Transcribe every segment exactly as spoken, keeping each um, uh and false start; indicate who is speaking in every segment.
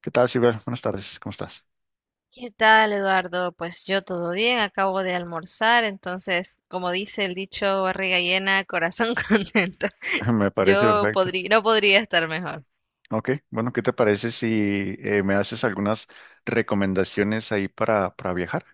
Speaker 1: ¿Qué tal, Silver? Buenas tardes, ¿cómo estás?
Speaker 2: ¿Qué tal, Eduardo? Pues yo todo bien, acabo de almorzar, entonces, como dice el dicho, barriga llena, corazón contento.
Speaker 1: Me parece
Speaker 2: Yo
Speaker 1: perfecto.
Speaker 2: podría, no podría estar mejor.
Speaker 1: Ok, bueno, ¿qué te parece si eh, me haces algunas recomendaciones ahí para, para viajar?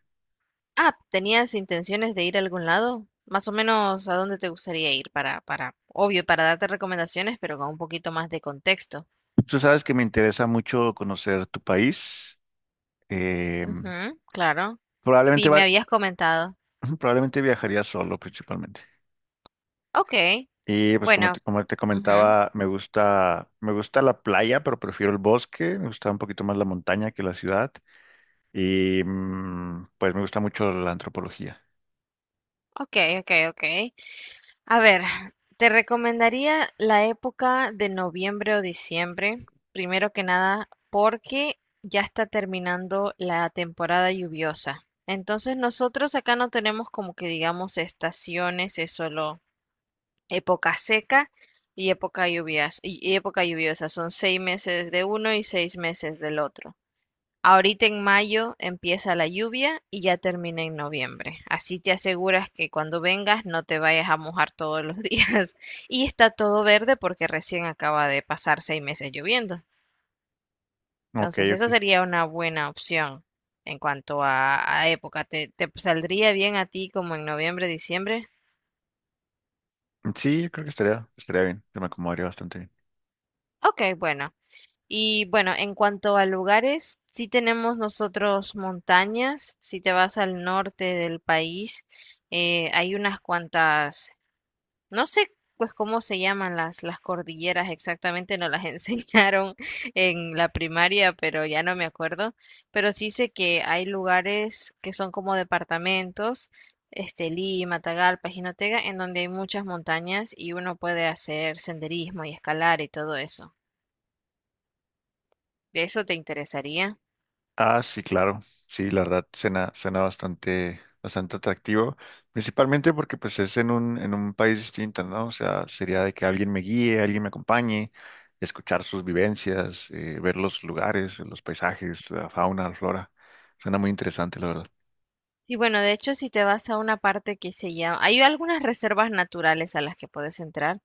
Speaker 2: Ah, ¿tenías intenciones de ir a algún lado? Más o menos, ¿a dónde te gustaría ir? Para, para, obvio, para darte recomendaciones, pero con un poquito más de contexto.
Speaker 1: Tú sabes que me interesa mucho conocer tu país. eh,
Speaker 2: Ujú, claro.
Speaker 1: probablemente,
Speaker 2: Sí, me
Speaker 1: va-
Speaker 2: habías comentado.
Speaker 1: Probablemente viajaría solo principalmente.
Speaker 2: Ok,
Speaker 1: Y pues como te,
Speaker 2: bueno.
Speaker 1: como te
Speaker 2: Ujú.
Speaker 1: comentaba, me gusta, me gusta la playa, pero prefiero el bosque. Me gusta un poquito más la montaña que la ciudad. Y mm, pues me gusta mucho la antropología.
Speaker 2: Ok, ok, ok. A ver, te recomendaría la época de noviembre o diciembre, primero que nada, porque ya está terminando la temporada lluviosa. Entonces nosotros acá no tenemos como que digamos estaciones, es solo época seca y época lluvias, y y época lluviosa. Son seis meses de uno y seis meses del otro. Ahorita en mayo empieza la lluvia y ya termina en noviembre. Así te aseguras que cuando vengas no te vayas a mojar todos los días. Y está todo verde porque recién acaba de pasar seis meses lloviendo.
Speaker 1: Ok,
Speaker 2: Entonces, esa
Speaker 1: ok.
Speaker 2: sería una buena opción en cuanto a, a época. ¿Te, te saldría bien a ti como en noviembre, diciembre?
Speaker 1: Sí, yo creo que estaría, estaría bien. Yo me acomodaría bastante bien.
Speaker 2: Ok, bueno. Y bueno, en cuanto a lugares, sí tenemos nosotros montañas. Si te vas al norte del país, eh, hay unas cuantas, no sé pues cómo se llaman las, las cordilleras exactamente, no las enseñaron en la primaria, pero ya no me acuerdo. Pero sí sé que hay lugares que son como departamentos, Estelí, Matagalpa, Jinotega, en donde hay muchas montañas y uno puede hacer senderismo y escalar y todo eso. ¿De eso te interesaría?
Speaker 1: Ah, sí, claro. Sí, la verdad suena, suena bastante, bastante atractivo. Principalmente porque pues es en un, en un país distinto, ¿no? O sea, sería de que alguien me guíe, alguien me acompañe, escuchar sus vivencias, eh, ver los lugares, los paisajes, la fauna, la flora. Suena muy interesante, la verdad.
Speaker 2: Y bueno, de hecho, si te vas a una parte que se llama, hay algunas reservas naturales a las que puedes entrar.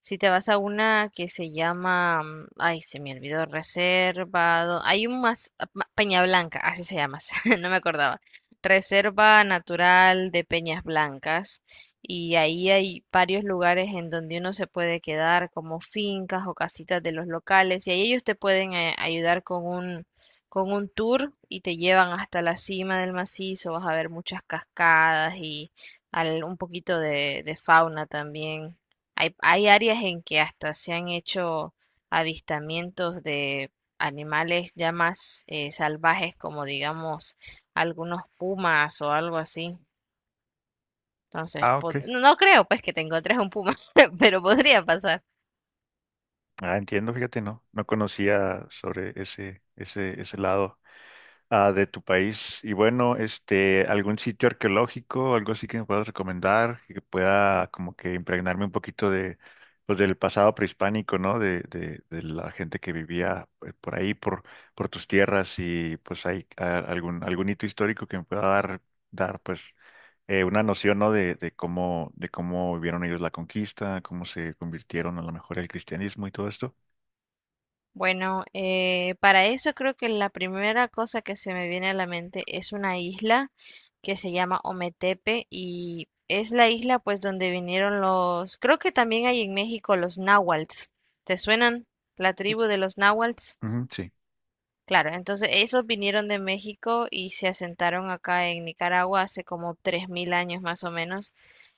Speaker 2: Si te vas a una que se llama, mm, ay, se me olvidó, reservado, hay un más, ah, ma- Peña Blanca, así se llama, no me acordaba. Reserva Natural de Peñas Blancas. Y ahí hay varios lugares en donde uno se puede quedar, como fincas o casitas de los locales, y ahí ellos te pueden eh, ayudar con un con un tour y te llevan hasta la cima del macizo, vas a ver muchas cascadas y al- un poquito de, de fauna también. Hay, hay áreas en que hasta se han hecho avistamientos de animales ya más eh, salvajes, como digamos algunos pumas o algo así. Entonces,
Speaker 1: Ah, ok.
Speaker 2: pod- no no creo pues que te encontres un puma, pero podría pasar.
Speaker 1: Ah, entiendo, fíjate, no, no conocía sobre ese, ese, ese lado. Ah, de tu país. Y bueno, este, algún sitio arqueológico, algo así que me puedas recomendar, que pueda como que impregnarme un poquito de, pues, del pasado prehispánico, ¿no? De, de, de la gente que vivía eh, por ahí, por, por tus tierras y pues hay ah, algún, algún hito histórico que me pueda dar, dar pues eh, una noción, ¿no? De, de cómo, de cómo vivieron ellos la conquista, cómo se convirtieron a lo mejor al cristianismo y todo esto.
Speaker 2: Bueno, eh, para eso creo que la primera cosa que se me viene a la mente es una isla que se llama Ometepe y es la isla pues donde vinieron los, creo que también hay en México los náhuatls. ¿Te suenan? La tribu de los náhuatls.
Speaker 1: Ujú, sí.
Speaker 2: Claro, entonces esos vinieron de México y se asentaron acá en Nicaragua hace como tres mil años más o menos,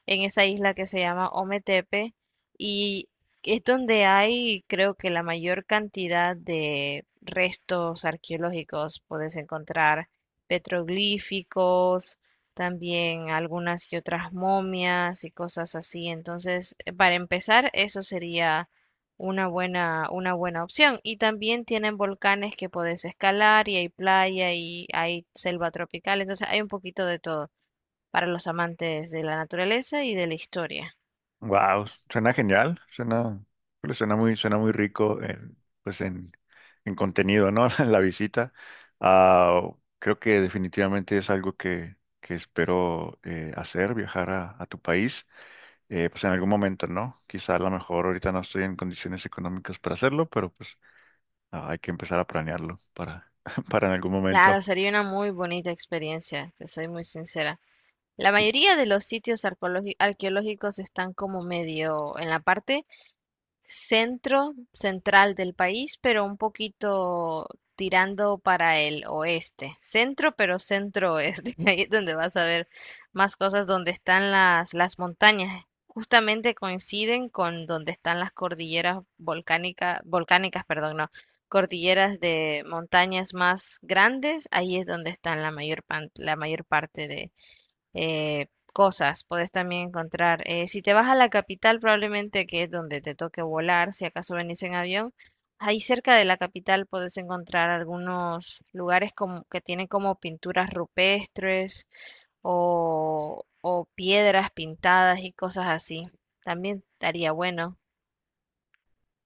Speaker 2: en esa isla que se llama Ometepe, y es donde hay creo que la mayor cantidad de restos arqueológicos. Puedes encontrar petroglíficos, también algunas y otras momias y cosas así. Entonces, para empezar, eso sería una buena, una buena opción. Y también tienen volcanes que podés escalar y hay playa y hay selva tropical. Entonces hay un poquito de todo para los amantes de la naturaleza y de la historia.
Speaker 1: Wow, suena genial, suena, pues, suena muy, suena muy rico en, pues en, en contenido, ¿no? En la visita. Ah, creo que definitivamente es algo que, que espero eh, hacer, viajar a, a tu país, eh, pues en algún momento, ¿no? Quizá a lo mejor ahorita no estoy en condiciones económicas para hacerlo, pero pues ah, hay que empezar a planearlo para, para en algún momento.
Speaker 2: Claro, sería una muy bonita experiencia, te soy muy sincera. La mayoría de los sitios arqueologi- arqueológicos están como medio en la parte centro central del país, pero un poquito tirando para el oeste. Centro, pero centro oeste. Ahí es donde vas a ver más cosas, donde están las, las montañas. Justamente coinciden con donde están las cordilleras volcánicas, volcánicas, perdón, no, cordilleras de montañas más grandes. Ahí es donde están la mayor, pan- la mayor parte de eh, cosas puedes también encontrar. Eh, si te vas a la capital, probablemente que es donde te toque volar, si acaso venís en avión, ahí cerca de la capital puedes encontrar algunos lugares como, que tienen como pinturas rupestres o, o piedras pintadas y cosas así. También estaría bueno,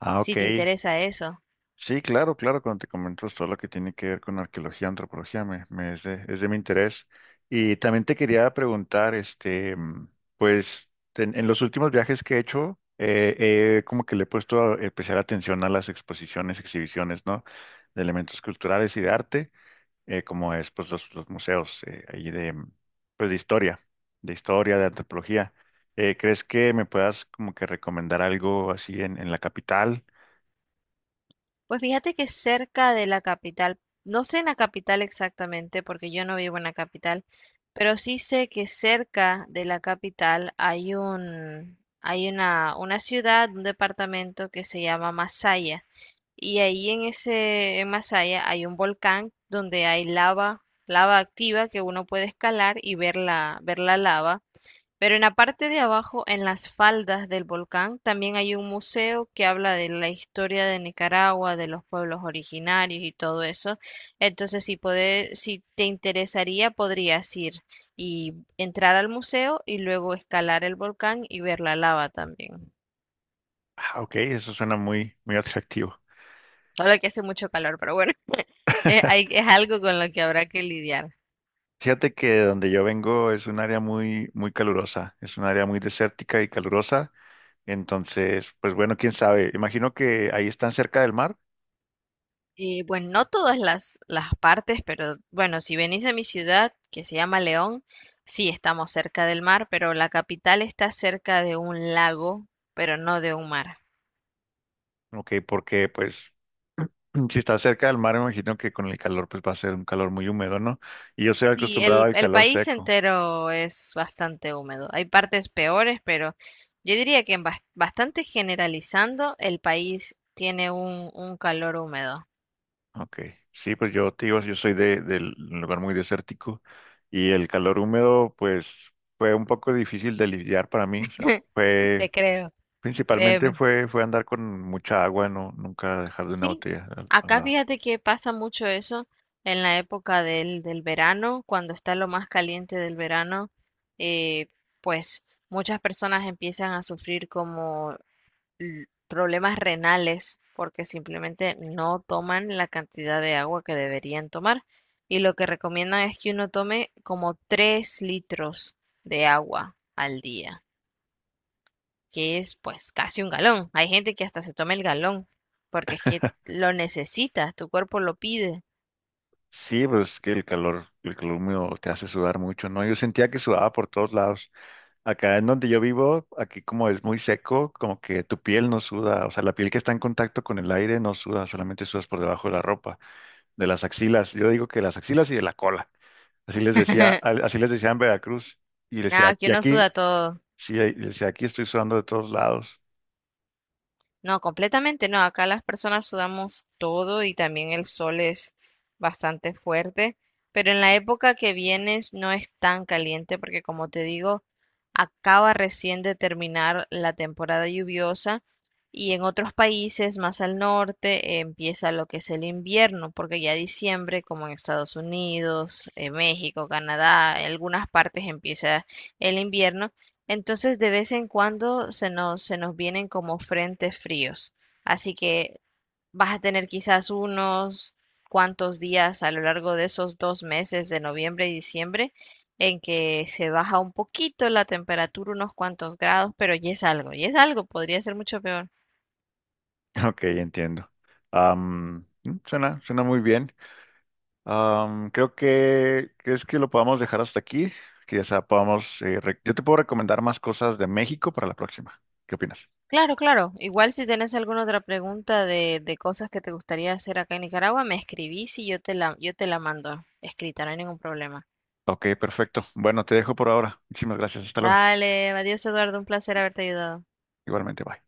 Speaker 1: Ah, ok.
Speaker 2: si te interesa eso.
Speaker 1: Sí, claro, claro, cuando te comento todo lo que tiene que ver con arqueología, antropología, me, me es de, es de mi interés. Y también te quería preguntar, este, mm, pues, en, en los últimos viajes que he hecho, eh, eh, como que le he puesto especial atención a las exposiciones, exhibiciones, ¿no? De elementos culturales y de arte, eh, como es, pues, los, los museos, eh, ahí de, mm, pues, de historia, de historia, de antropología. Eh, ¿crees que me puedas como que recomendar algo así en, en la capital?
Speaker 2: Pues fíjate que cerca de la capital, no sé en la capital exactamente, porque yo no vivo en la capital, pero sí sé que cerca de la capital hay un, hay una, una ciudad, un departamento que se llama Masaya. Y ahí en ese, en Masaya hay un volcán donde hay lava, lava activa que uno puede escalar y ver la, ver la lava. Pero en la parte de abajo, en las faldas del volcán, también hay un museo que habla de la historia de Nicaragua, de los pueblos originarios y todo eso. Entonces, si puede- si te interesaría, podrías ir y entrar al museo y luego escalar el volcán y ver la lava también.
Speaker 1: Ah, ok, eso suena muy, muy atractivo.
Speaker 2: Solo que hace mucho calor, pero bueno, es, hay- es algo con lo que habrá que lidiar.
Speaker 1: Fíjate que de donde yo vengo es un área muy, muy calurosa, es un área muy desértica y calurosa, entonces, pues bueno, quién sabe, imagino que ahí están cerca del mar.
Speaker 2: Eh, bueno, no todas las, las partes, pero bueno, si venís a mi ciudad, que se llama León, sí estamos cerca del mar, pero la capital está cerca de un lago, pero no de un mar.
Speaker 1: Ok, porque pues si está cerca del mar, imagino que con el calor pues va a ser un calor muy húmedo, ¿no? Y yo soy
Speaker 2: Sí,
Speaker 1: acostumbrado
Speaker 2: el,
Speaker 1: al
Speaker 2: el
Speaker 1: calor
Speaker 2: país
Speaker 1: seco.
Speaker 2: entero es bastante húmedo. Hay partes peores, pero yo diría que en bas- bastante generalizando, el país tiene un, un calor húmedo.
Speaker 1: Ok, sí, pues yo, te digo, yo soy de, del lugar muy desértico y el calor húmedo pues fue un poco difícil de lidiar para mí, o sea, fue.
Speaker 2: Te creo,
Speaker 1: Principalmente
Speaker 2: créeme.
Speaker 1: fue, fue andar con mucha agua, no, nunca dejar de una
Speaker 2: Sí,
Speaker 1: botella al, al
Speaker 2: acá
Speaker 1: lado.
Speaker 2: fíjate que pasa mucho eso en la época del, del verano, cuando está lo más caliente del verano, eh, pues muchas personas empiezan a sufrir como l- problemas renales porque simplemente no toman la cantidad de agua que deberían tomar. Y lo que recomiendan es que uno tome como tres litros de agua al día que es pues casi un galón. Hay gente que hasta se toma el galón, porque es que lo necesitas, tu cuerpo lo pide.
Speaker 1: Sí, pues es que el calor, el calor húmedo te hace sudar mucho, ¿no? Yo sentía que sudaba por todos lados. Acá en donde yo vivo, aquí como es muy seco, como que tu piel no suda, o sea, la piel que está en contacto con el aire no suda, solamente sudas por debajo de la ropa, de las axilas. Yo digo que las axilas y de la cola. Así les decía, al- así les decía en Veracruz. Y decía,
Speaker 2: Nada, que
Speaker 1: y
Speaker 2: uno
Speaker 1: aquí,
Speaker 2: suda todo.
Speaker 1: sí, y decía, aquí estoy sudando de todos lados.
Speaker 2: No, completamente no. Acá las personas sudamos todo y también el sol es bastante fuerte, pero en la época que vienes no es tan caliente porque como te digo, acaba recién de terminar la temporada lluviosa y en otros países más al norte eh, empieza lo que es el invierno, porque ya diciembre, como en Estados Unidos, eh, México, Canadá, en algunas partes empieza el invierno entonces de vez en cuando se nos, se nos vienen como frentes fríos. Así que vas a tener quizás unos cuantos días a lo largo de esos dos meses de noviembre y diciembre en que se baja un poquito la temperatura, unos cuantos grados, pero ya es algo, ya es algo, podría ser mucho peor.
Speaker 1: Ok, entiendo. Am, mm, suena, suena muy bien. Am, creo que, ¿crees que lo podamos dejar hasta aquí? Que ya podamos, eh, re- yo te puedo recomendar más cosas de México para la próxima. ¿Qué opinas?
Speaker 2: Claro, claro. Igual si tienes alguna otra pregunta de, de cosas que te gustaría hacer acá en Nicaragua, me escribís y yo te la, yo te la mando escrita, no hay ningún problema.
Speaker 1: Ok, perfecto. Bueno, te dejo por ahora. Muchísimas gracias. Hasta luego.
Speaker 2: Dale, adiós Eduardo, un placer haberte ayudado.
Speaker 1: Igualmente, bye.